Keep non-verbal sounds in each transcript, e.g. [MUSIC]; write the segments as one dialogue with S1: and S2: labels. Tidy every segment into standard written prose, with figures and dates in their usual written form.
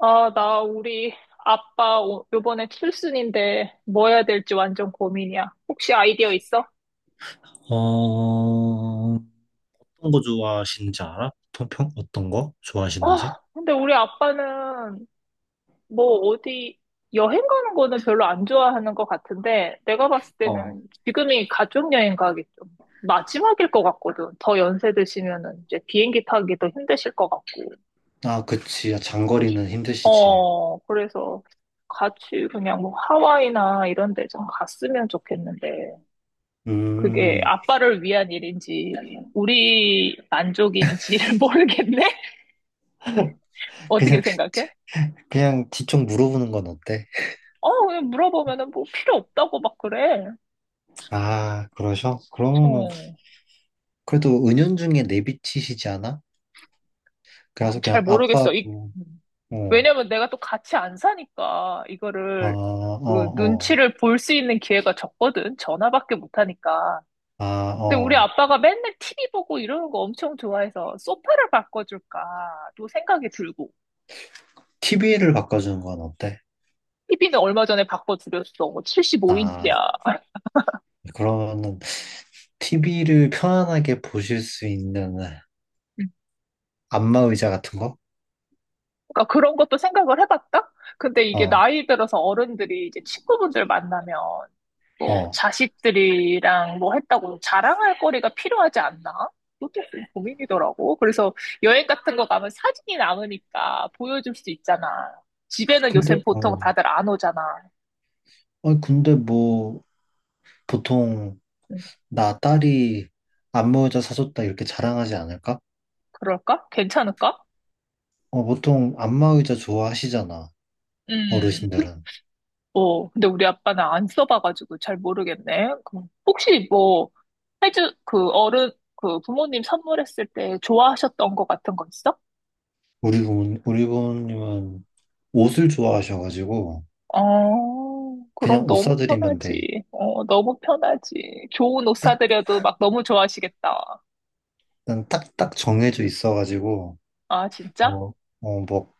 S1: 아, 나 우리 아빠 요번에 칠순인데 뭐 해야 될지 완전 고민이야. 혹시 아이디어 있어?
S2: 어, 어떤 거 좋아하시는지 알아? 평평? 어떤 거 좋아하시는지?
S1: 아, 근데 우리 아빠는 뭐 어디 여행 가는 거는 별로 안 좋아하는 것 같은데 내가 봤을 때는
S2: 어.
S1: 지금이 가족여행 가기 좀 마지막일 것 같거든. 더 연세 드시면은 이제 비행기 타기도 힘드실 것 같고.
S2: 아, 그치. 아, 장거리는 힘드시지.
S1: 어, 그래서 같이 그냥 뭐 하와이나 이런 데 좀 갔으면 좋겠는데. 그게
S2: 음,
S1: 아빠를 위한 일인지 우리 만족인지를 모르겠네? [LAUGHS] 어떻게
S2: 그냥,
S1: 생각해?
S2: 그냥 뒤쪽 물어보는 건 어때?
S1: 어, 그냥 물어보면은 뭐 필요 없다고 막 그래.
S2: 아, 그러셔? 그러면은,
S1: 어,
S2: 그래도 은연중에 내비치시지 않아?
S1: 아,
S2: 그래서
S1: 잘
S2: 그냥 아빠,
S1: 모르겠어.
S2: 뭐, 어,
S1: 왜냐면 내가 또 같이 안 사니까
S2: 아,
S1: 이거를
S2: 어,
S1: 그
S2: 어,
S1: 눈치를 볼 수 있는 기회가 적거든. 전화밖에 못 하니까.
S2: 아,
S1: 근데 우리
S2: 어,
S1: 아빠가 맨날 TV 보고 이러는 거 엄청 좋아해서 소파를 바꿔줄까 또 생각이 들고.
S2: TV를 바꿔주는 건 어때?
S1: TV는 얼마 전에 바꿔드렸어.
S2: 아,
S1: 75인치야.
S2: 그러면은, TV를 편안하게 보실 수 있는 안마 의자 같은 거?
S1: 그러니까 그런 것도 생각을 해봤다? 근데 이게
S2: 어.
S1: 나이 들어서 어른들이 이제 친구분들 만나면 뭐
S2: 어.
S1: 자식들이랑 뭐 했다고 자랑할 거리가 필요하지 않나? 그것도 좀 고민이더라고. 그래서 여행 같은 거 가면 사진이 남으니까 보여줄 수 있잖아. 집에는 요새
S2: 근데,
S1: 보통
S2: 어.
S1: 다들 안 오잖아.
S2: 아니, 근데 뭐, 보통,
S1: 음,
S2: 나 딸이 안마 의자 사줬다 이렇게 자랑하지 않을까?
S1: 그럴까? 괜찮을까?
S2: 어, 보통 안마 의자 좋아하시잖아,
S1: 음.
S2: 어르신들은.
S1: 어, 근데 우리 아빠는 안 써봐가지고 잘 모르겠네. 그 혹시 뭐, 해주, 그 어른, 그 부모님 선물했을 때 좋아하셨던 거 같은 거 있어?
S2: 우리 부모님은 옷을 좋아하셔가지고,
S1: 어,
S2: 그냥
S1: 그럼
S2: 옷
S1: 너무
S2: 사드리면 돼.
S1: 편하지. 어, 너무 편하지. 좋은 옷 사드려도 막 너무 좋아하시겠다.
S2: 난 딱, 딱 정해져 있어가지고,
S1: 아, 진짜?
S2: 뭐, 어, 뭐,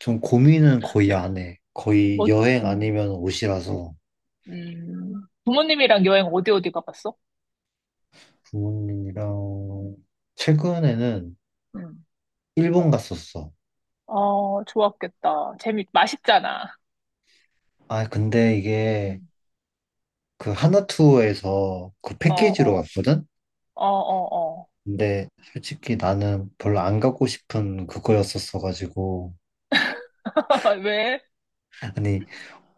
S2: 좀 고민은 거의 안 해. 거의
S1: 뭐,
S2: 여행
S1: 음,
S2: 아니면 옷이라서,
S1: 부모님이랑 여행 어디 어디 가봤어?
S2: 부모님이랑, 최근에는
S1: 음.
S2: 일본 갔었어.
S1: 어, 좋았겠다. 맛있잖아.
S2: 아, 근데 이게
S1: 음.
S2: 그 하나투어에서 그
S1: 어,
S2: 패키지로
S1: 어,
S2: 왔거든?
S1: 어, 어, 어.
S2: 근데 솔직히 나는 별로 안 가고 싶은 그거였었어가지고.
S1: [LAUGHS] 왜?
S2: 아니,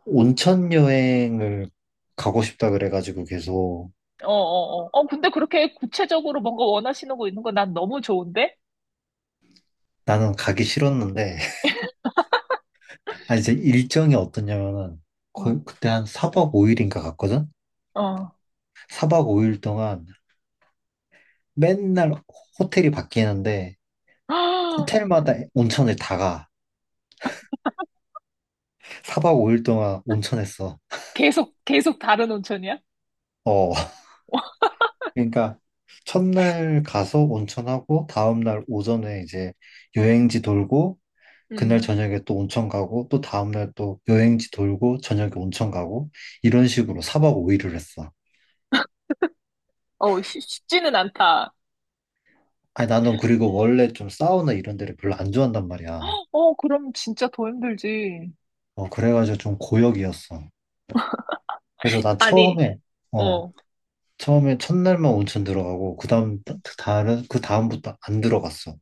S2: 온천 여행을 가고 싶다 그래가지고 계속
S1: 어, 어, 어. 어, 근데 그렇게 구체적으로 뭔가 원하시는 거 있는 거 난 너무 좋은데?
S2: 나는 가기 싫었는데. [LAUGHS] 아, 이제 일정이 어떠냐면은
S1: 응.
S2: 거의 그때 한 4박 5일인가 갔거든?
S1: 어.
S2: 4박 5일 동안 맨날 호텔이 바뀌는데
S1: [GASPS]
S2: 호텔마다 온천을 다 가. 4박 5일 동안 온천했어.
S1: 계속, 계속 다른 온천이야?
S2: 어. 그러니까 첫날 가서 온천하고 다음날 오전에 이제 여행지 돌고 그날
S1: 음.
S2: 저녁에 또 온천 가고 또 다음날 또 여행지 돌고 저녁에 온천 가고 이런 식으로 4박 5일을 했어.
S1: 어, 쉽지는 않다.
S2: 아니 나는 그리고 원래 좀 사우나 이런 데를 별로 안 좋아한단 말이야.
S1: 어, 그럼 진짜 더 힘들지.
S2: 그래가지고 좀 고역이었어. 그래서 난
S1: 아니,
S2: 어
S1: 어.
S2: 처음에 첫날만 온천 들어가고 그다음 다른 그 다음부터 안 들어갔어.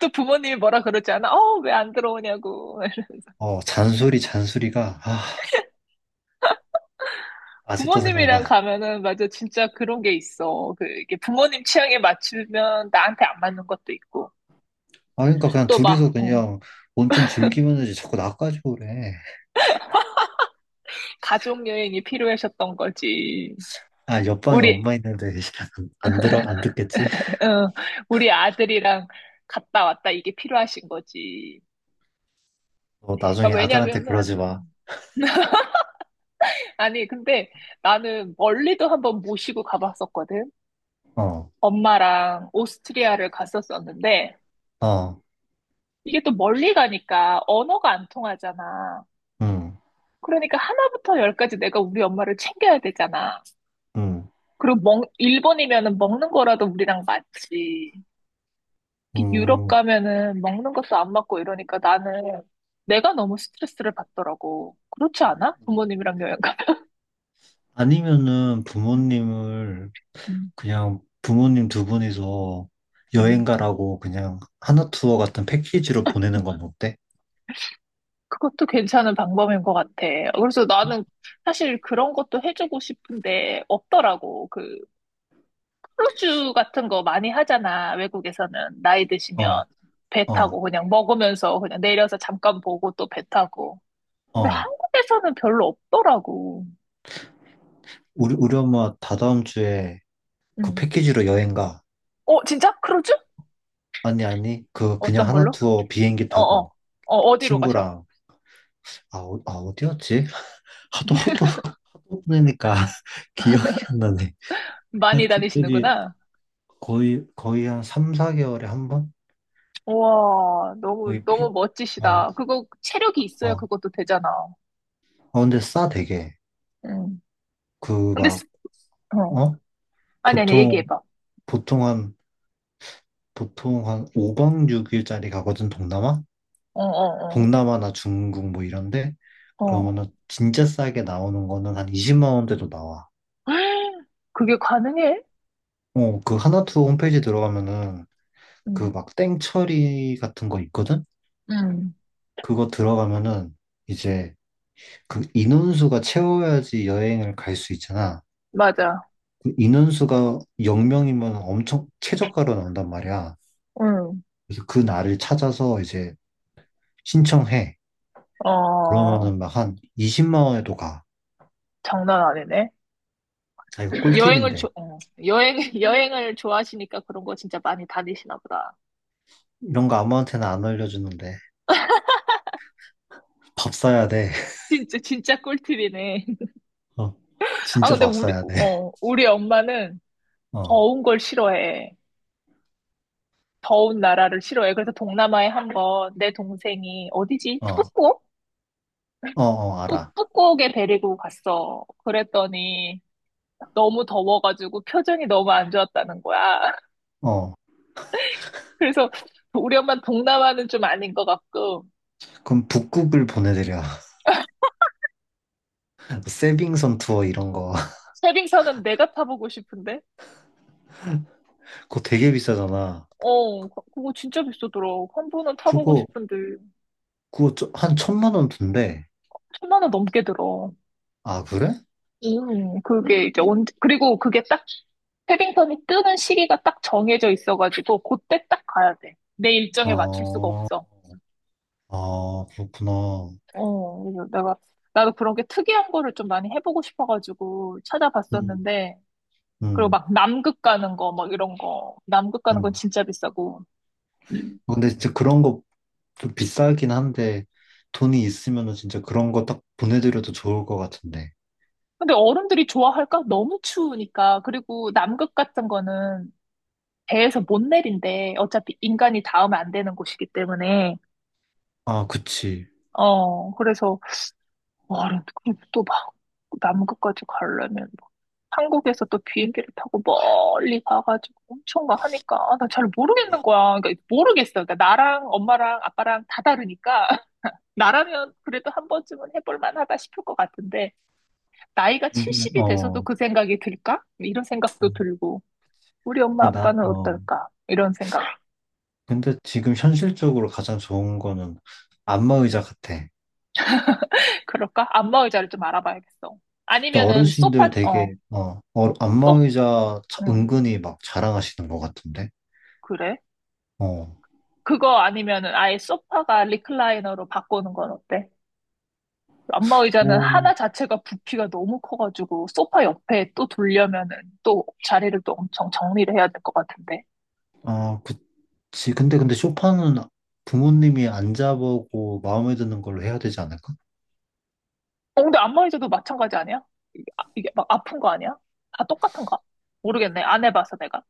S1: 또 부모님이 뭐라 그러지 않아? 어, 왜 안 들어오냐고. [LAUGHS]
S2: 잔소리가 아직도
S1: 부모님이랑
S2: 생각나.
S1: 가면은, 맞아, 진짜 그런 게 있어. 그, 이게 부모님 취향에 맞추면 나한테 안 맞는 것도 있고.
S2: 아, 그러니까 그냥
S1: 또 막,
S2: 둘이서
S1: 어,
S2: 그냥 온천 즐기면 되지. 자꾸 나까지고 그래.
S1: 가족 여행이 필요하셨던 거지.
S2: 아, 옆방에
S1: 우리
S2: 엄마 있는데 [LAUGHS] 안 듣겠지?
S1: 어, 우리 아들이랑 갔다 왔다 이게 필요하신 거지.
S2: 어,
S1: 그러니까
S2: 나중에 아들한테
S1: 왜냐면은,
S2: 그러지
S1: 어.
S2: 마.
S1: 아니, 근데 나는 멀리도 한번 모시고 가봤었거든.
S2: 어,
S1: 엄마랑 오스트리아를 갔었었는데,
S2: 어,
S1: 이게 또 멀리 가니까 언어가 안 통하잖아.
S2: 응,
S1: 그러니까 하나부터 열까지 내가 우리 엄마를 챙겨야 되잖아.
S2: 응,
S1: 그리고 일본이면은 먹는 거라도 우리랑 맞지. 특히 유럽
S2: 응.
S1: 가면은 먹는 것도 안 맞고 이러니까 나는 내가 너무 스트레스를 받더라고. 그렇지 않아? 부모님이랑 여행 가면.
S2: 아니면은 부모님을
S1: 음,
S2: 그냥 부모님 두 분이서 여행
S1: 음.
S2: 가라고 그냥 하나투어 같은 패키지로 보내는 건 어때?
S1: 그것도 괜찮은 방법인 것 같아. 그래서 나는 사실 그런 것도 해주고 싶은데 없더라고. 그 크루즈 같은 거 많이 하잖아. 외국에서는 나이 드시면
S2: 어,
S1: 배
S2: 어,
S1: 타고 그냥 먹으면서 그냥 내려서 잠깐 보고 또 배 타고. 근데
S2: 어.
S1: 한국에서는 별로 없더라고.
S2: 우리 엄마 다다음 주에 그
S1: 음.
S2: 패키지로 여행 가.
S1: 어, 진짜? 크루즈?
S2: 아니, 아니, 그냥
S1: 어떤
S2: 하나
S1: 걸로?
S2: 투어 비행기
S1: 어어. 어,
S2: 타고
S1: 어, 어디로 가셔?
S2: 친구랑, 어디였지? 하도, 하도, 하도 보내니까 [LAUGHS] 기억이 안 나네.
S1: 많이
S2: 하여튼, 저기,
S1: 다니시는구나.
S2: 거의 한 3, 4개월에 한 번?
S1: 와, 너무,
S2: 거의
S1: 너무
S2: 팩, 어,
S1: 멋지시다. 체력이 있어야
S2: 어.
S1: 그것도 되잖아.
S2: 어, 근데 되게.
S1: 응.
S2: 그,
S1: 근데,
S2: 막,
S1: 어.
S2: 어?
S1: 아니, 아니,
S2: 보통,
S1: 얘기해봐.
S2: 보통 한, 보통 한 5박 6일짜리 가거든, 동남아?
S1: 어, 어,
S2: 동남아나 중국 뭐 이런데?
S1: 어. 어.
S2: 그러면은 진짜 싸게 나오는 거는 한 20만 원대도 나와.
S1: 그게 가능해?
S2: 어, 그 하나투 홈페이지 들어가면은 그
S1: 응.
S2: 막 땡처리 같은 거 있거든?
S1: 응.
S2: 그거 들어가면은 이제 그 인원수가 채워야지 여행을 갈 수 있잖아.
S1: 맞아.
S2: 그 인원수가 0명이면 엄청 최저가로 나온단 말이야.
S1: 응.
S2: 그래서 그 날을 찾아서 이제 신청해.
S1: 어,
S2: 그러면은 막 한 20만 원에도 가.
S1: 장난 아니네.
S2: 아, 이거
S1: 여행을
S2: 꿀팁인데.
S1: 좋, 어. 여행, [LAUGHS] 여행을 좋아하시니까 그런 거 진짜 많이 다니시나 보다.
S2: 이런 거 아무한테나 안 알려주는데. 밥 사야 돼.
S1: 진짜, 진짜 꿀팁이네. [LAUGHS]
S2: [LAUGHS] 어,
S1: 아,
S2: 진짜
S1: 근데
S2: 밥
S1: 우리,
S2: 사야 돼.
S1: 어, 우리 엄마는 더
S2: 어,
S1: 운 걸 싫어해. 더운 나라를 싫어해. 그래서 동남아에 한번 내 동생이 어디지?
S2: 어,
S1: 북곡?
S2: 어, 어,
S1: 북-
S2: 알아.
S1: 북곡에 데리고 갔어. 그랬더니 너무 더워가지고 표정이 너무 안 좋았다는 거야. [LAUGHS]
S2: 어.
S1: 그래서 우리 엄마 동남아는 좀 아닌 것 같고
S2: 그럼 북극을 보내드려. [LAUGHS] 세빙선 투어 이런 거. [LAUGHS]
S1: 세빙선은 내가 타보고 싶은데
S2: 그거 되게 비싸잖아.
S1: 어, 그거 진짜 비싸더라. 한 번은 타보고
S2: 그거,
S1: 싶은데
S2: 그거 한 천만 원 든대.
S1: 천만 원 넘게 들어.
S2: 아, 그래?
S1: 그게 이제 언제 그리고 그게 딱 패딩턴이 뜨는 시기가 딱 정해져 있어가지고 그때 딱 가야 돼. 내 일정에 맞출 수가
S2: 어,
S1: 없어.
S2: 아, 그렇구나.
S1: 어, 그래서 내가 나도 그런 게 특이한 거를 좀 많이 해보고 싶어가지고
S2: 음,
S1: 찾아봤었는데 그리고
S2: 음,
S1: 막 남극 가는 거 막 이런 거 남극 가는 건
S2: 음.
S1: 진짜 비싸고.
S2: 근데 진짜 그런 거 좀 비싸긴 한데, 돈이 있으면은 진짜 그런 거 딱 보내드려도 좋을 것 같은데.
S1: 근데 어른들이 좋아할까? 너무 추우니까. 그리고 남극 같은 거는 배에서 못 내린대. 어차피 인간이 닿으면 안 되는 곳이기 때문에.
S2: 아, 그치.
S1: 어, 그래서 와, 또 막, 남극까지 가려면 뭐 한국에서 또 비행기를 타고 멀리 가가지고 엄청 막 하니까, 아, 나 잘 모르겠는 거야. 그러니까 모르겠어. 그러니까 나랑 엄마랑 아빠랑 다 다르니까, [LAUGHS] 나라면 그래도 한 번쯤은 해볼 만하다 싶을 것 같은데, 나이가
S2: 근데,
S1: 70이 돼서도
S2: 어,
S1: 그 생각이 들까? 이런 생각도 들고, 우리 엄마
S2: 근데 나,
S1: 아빠는
S2: 어,
S1: 어떨까? 이런 생각.
S2: 근데 지금 현실적으로 가장 좋은 거는 안마 의자 같아.
S1: 그럴까? 안마 의자를 좀 알아봐야겠어.
S2: 근데
S1: 아니면은
S2: 어르신들 되게
S1: 또,
S2: 안마의자
S1: 음,
S2: 은근히 막 자랑하시는 것 같은데.
S1: 그래?
S2: 어.
S1: 그거 아니면은 아예 소파가 리클라이너로 바꾸는 건 어때? 안마 의자는
S2: 오,
S1: 하나 자체가 부피가 너무 커가지고 소파 옆에 또 돌려면은 또 자리를 또 엄청 정리를 해야 될 것 같은데.
S2: 아, 그치. 근데 소파는 부모님이 앉아보고 마음에 드는 걸로 해야 되지 않을까?
S1: 어, 근데 안마 의자도 마찬가지 아니야? 이게 막 아픈 거 아니야? 다 똑같은가? 모르겠네. 안 해봐서 내가.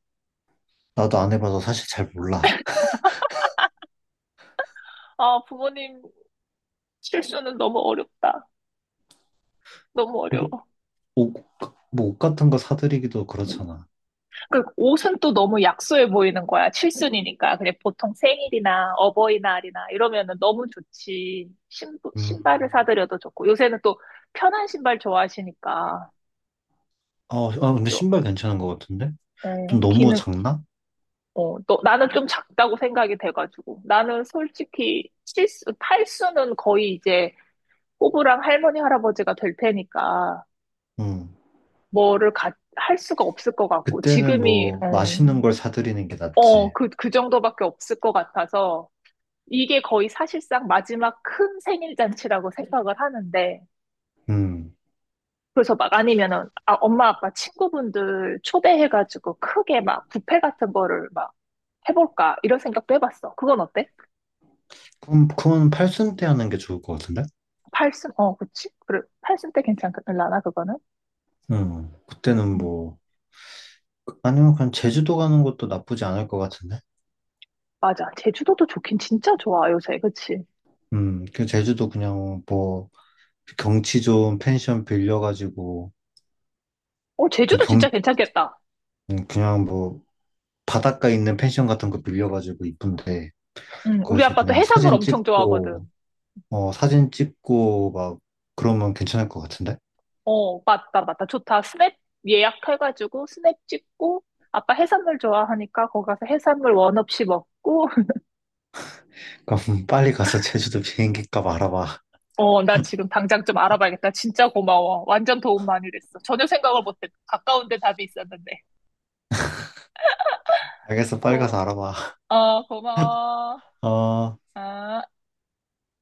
S2: 나도 안 해봐서 사실 잘 몰라.
S1: 아, 부모님 실수는 너무 어렵다. 너무 어려워.
S2: 뭐, 옷, 뭐 옷 같은 거 사드리기도 그렇잖아.
S1: 그 옷은 또 너무 약소해 보이는 거야. 칠순이니까. 그냥 보통 생일이나 어버이날이나 이러면은 너무 좋지. 신발을
S2: 음.
S1: 사드려도 좋고. 요새는 또 편한 신발 좋아하시니까.
S2: 아, 근데
S1: 요,
S2: 신발 괜찮은 것 같은데? 좀
S1: 어,
S2: 너무
S1: 기능,
S2: 작나?
S1: 어, 또 나는 좀 작다고 생각이 돼가지고. 나는 솔직히 칠순, 팔순은 거의 이제 꼬부랑 할머니, 할아버지가 될 테니까
S2: 음.
S1: 뭐를 가, 할 수가 없을 것 같고.
S2: 그때는
S1: 지금이,
S2: 뭐
S1: 어,
S2: 맛있는 걸 사드리는 게
S1: 어,
S2: 낫지.
S1: 그, 그 정도밖에 없을 것 같아서. 이게 거의 사실상 마지막 큰 생일 잔치라고 생각을 하는데,
S2: 음.
S1: 그래서 막 아니면은, 아, 엄마, 아빠, 친구분들 초대해가지고 크게 막 뷔페 같은 거를 막 해볼까, 이런 생각도 해봤어. 그건 어때?
S2: 그럼 그건 팔순 때 하는 게 좋을 것 같은데?
S1: 팔순, 어, 그치? 그래, 팔순 때 괜찮을라나, 그거는?
S2: 그때는
S1: 음,
S2: 뭐, 아니면 그냥 제주도 가는 것도 나쁘지 않을 것 같은데?
S1: 맞아. 제주도도 좋긴 진짜 좋아, 요새. 그치?
S2: 그 제주도 그냥 뭐, 경치 좋은 펜션 빌려가지고,
S1: 어,
S2: 그
S1: 제주도 진짜
S2: 경,
S1: 괜찮겠다.
S2: 그냥 뭐, 바닷가 있는 펜션 같은 거 빌려가지고 이쁜데,
S1: 응, 우리
S2: 거기서
S1: 아빠도
S2: 그냥
S1: 해산물
S2: 사진
S1: 엄청 좋아하거든.
S2: 찍고, 어, 사진 찍고 막, 그러면 괜찮을 것 같은데?
S1: 어, 맞다, 맞다. 좋다. 스냅 예약해가지고 스냅 찍고, 아빠 해산물 좋아하니까 거기 가서 해산물 원 없이 먹고, [LAUGHS]
S2: 그럼 [LAUGHS] 빨리 가서 제주도 비행기 값 알아봐.
S1: 어, 나 지금 당장 좀 알아봐야겠다. 진짜 고마워. 완전 도움 많이 됐어. 전혀 생각을 못했고 가까운 데 답이 있었는데.
S2: 알겠어, 빨리 가서
S1: 고,
S2: 알아봐.
S1: 고마워.
S2: 어.
S1: 아.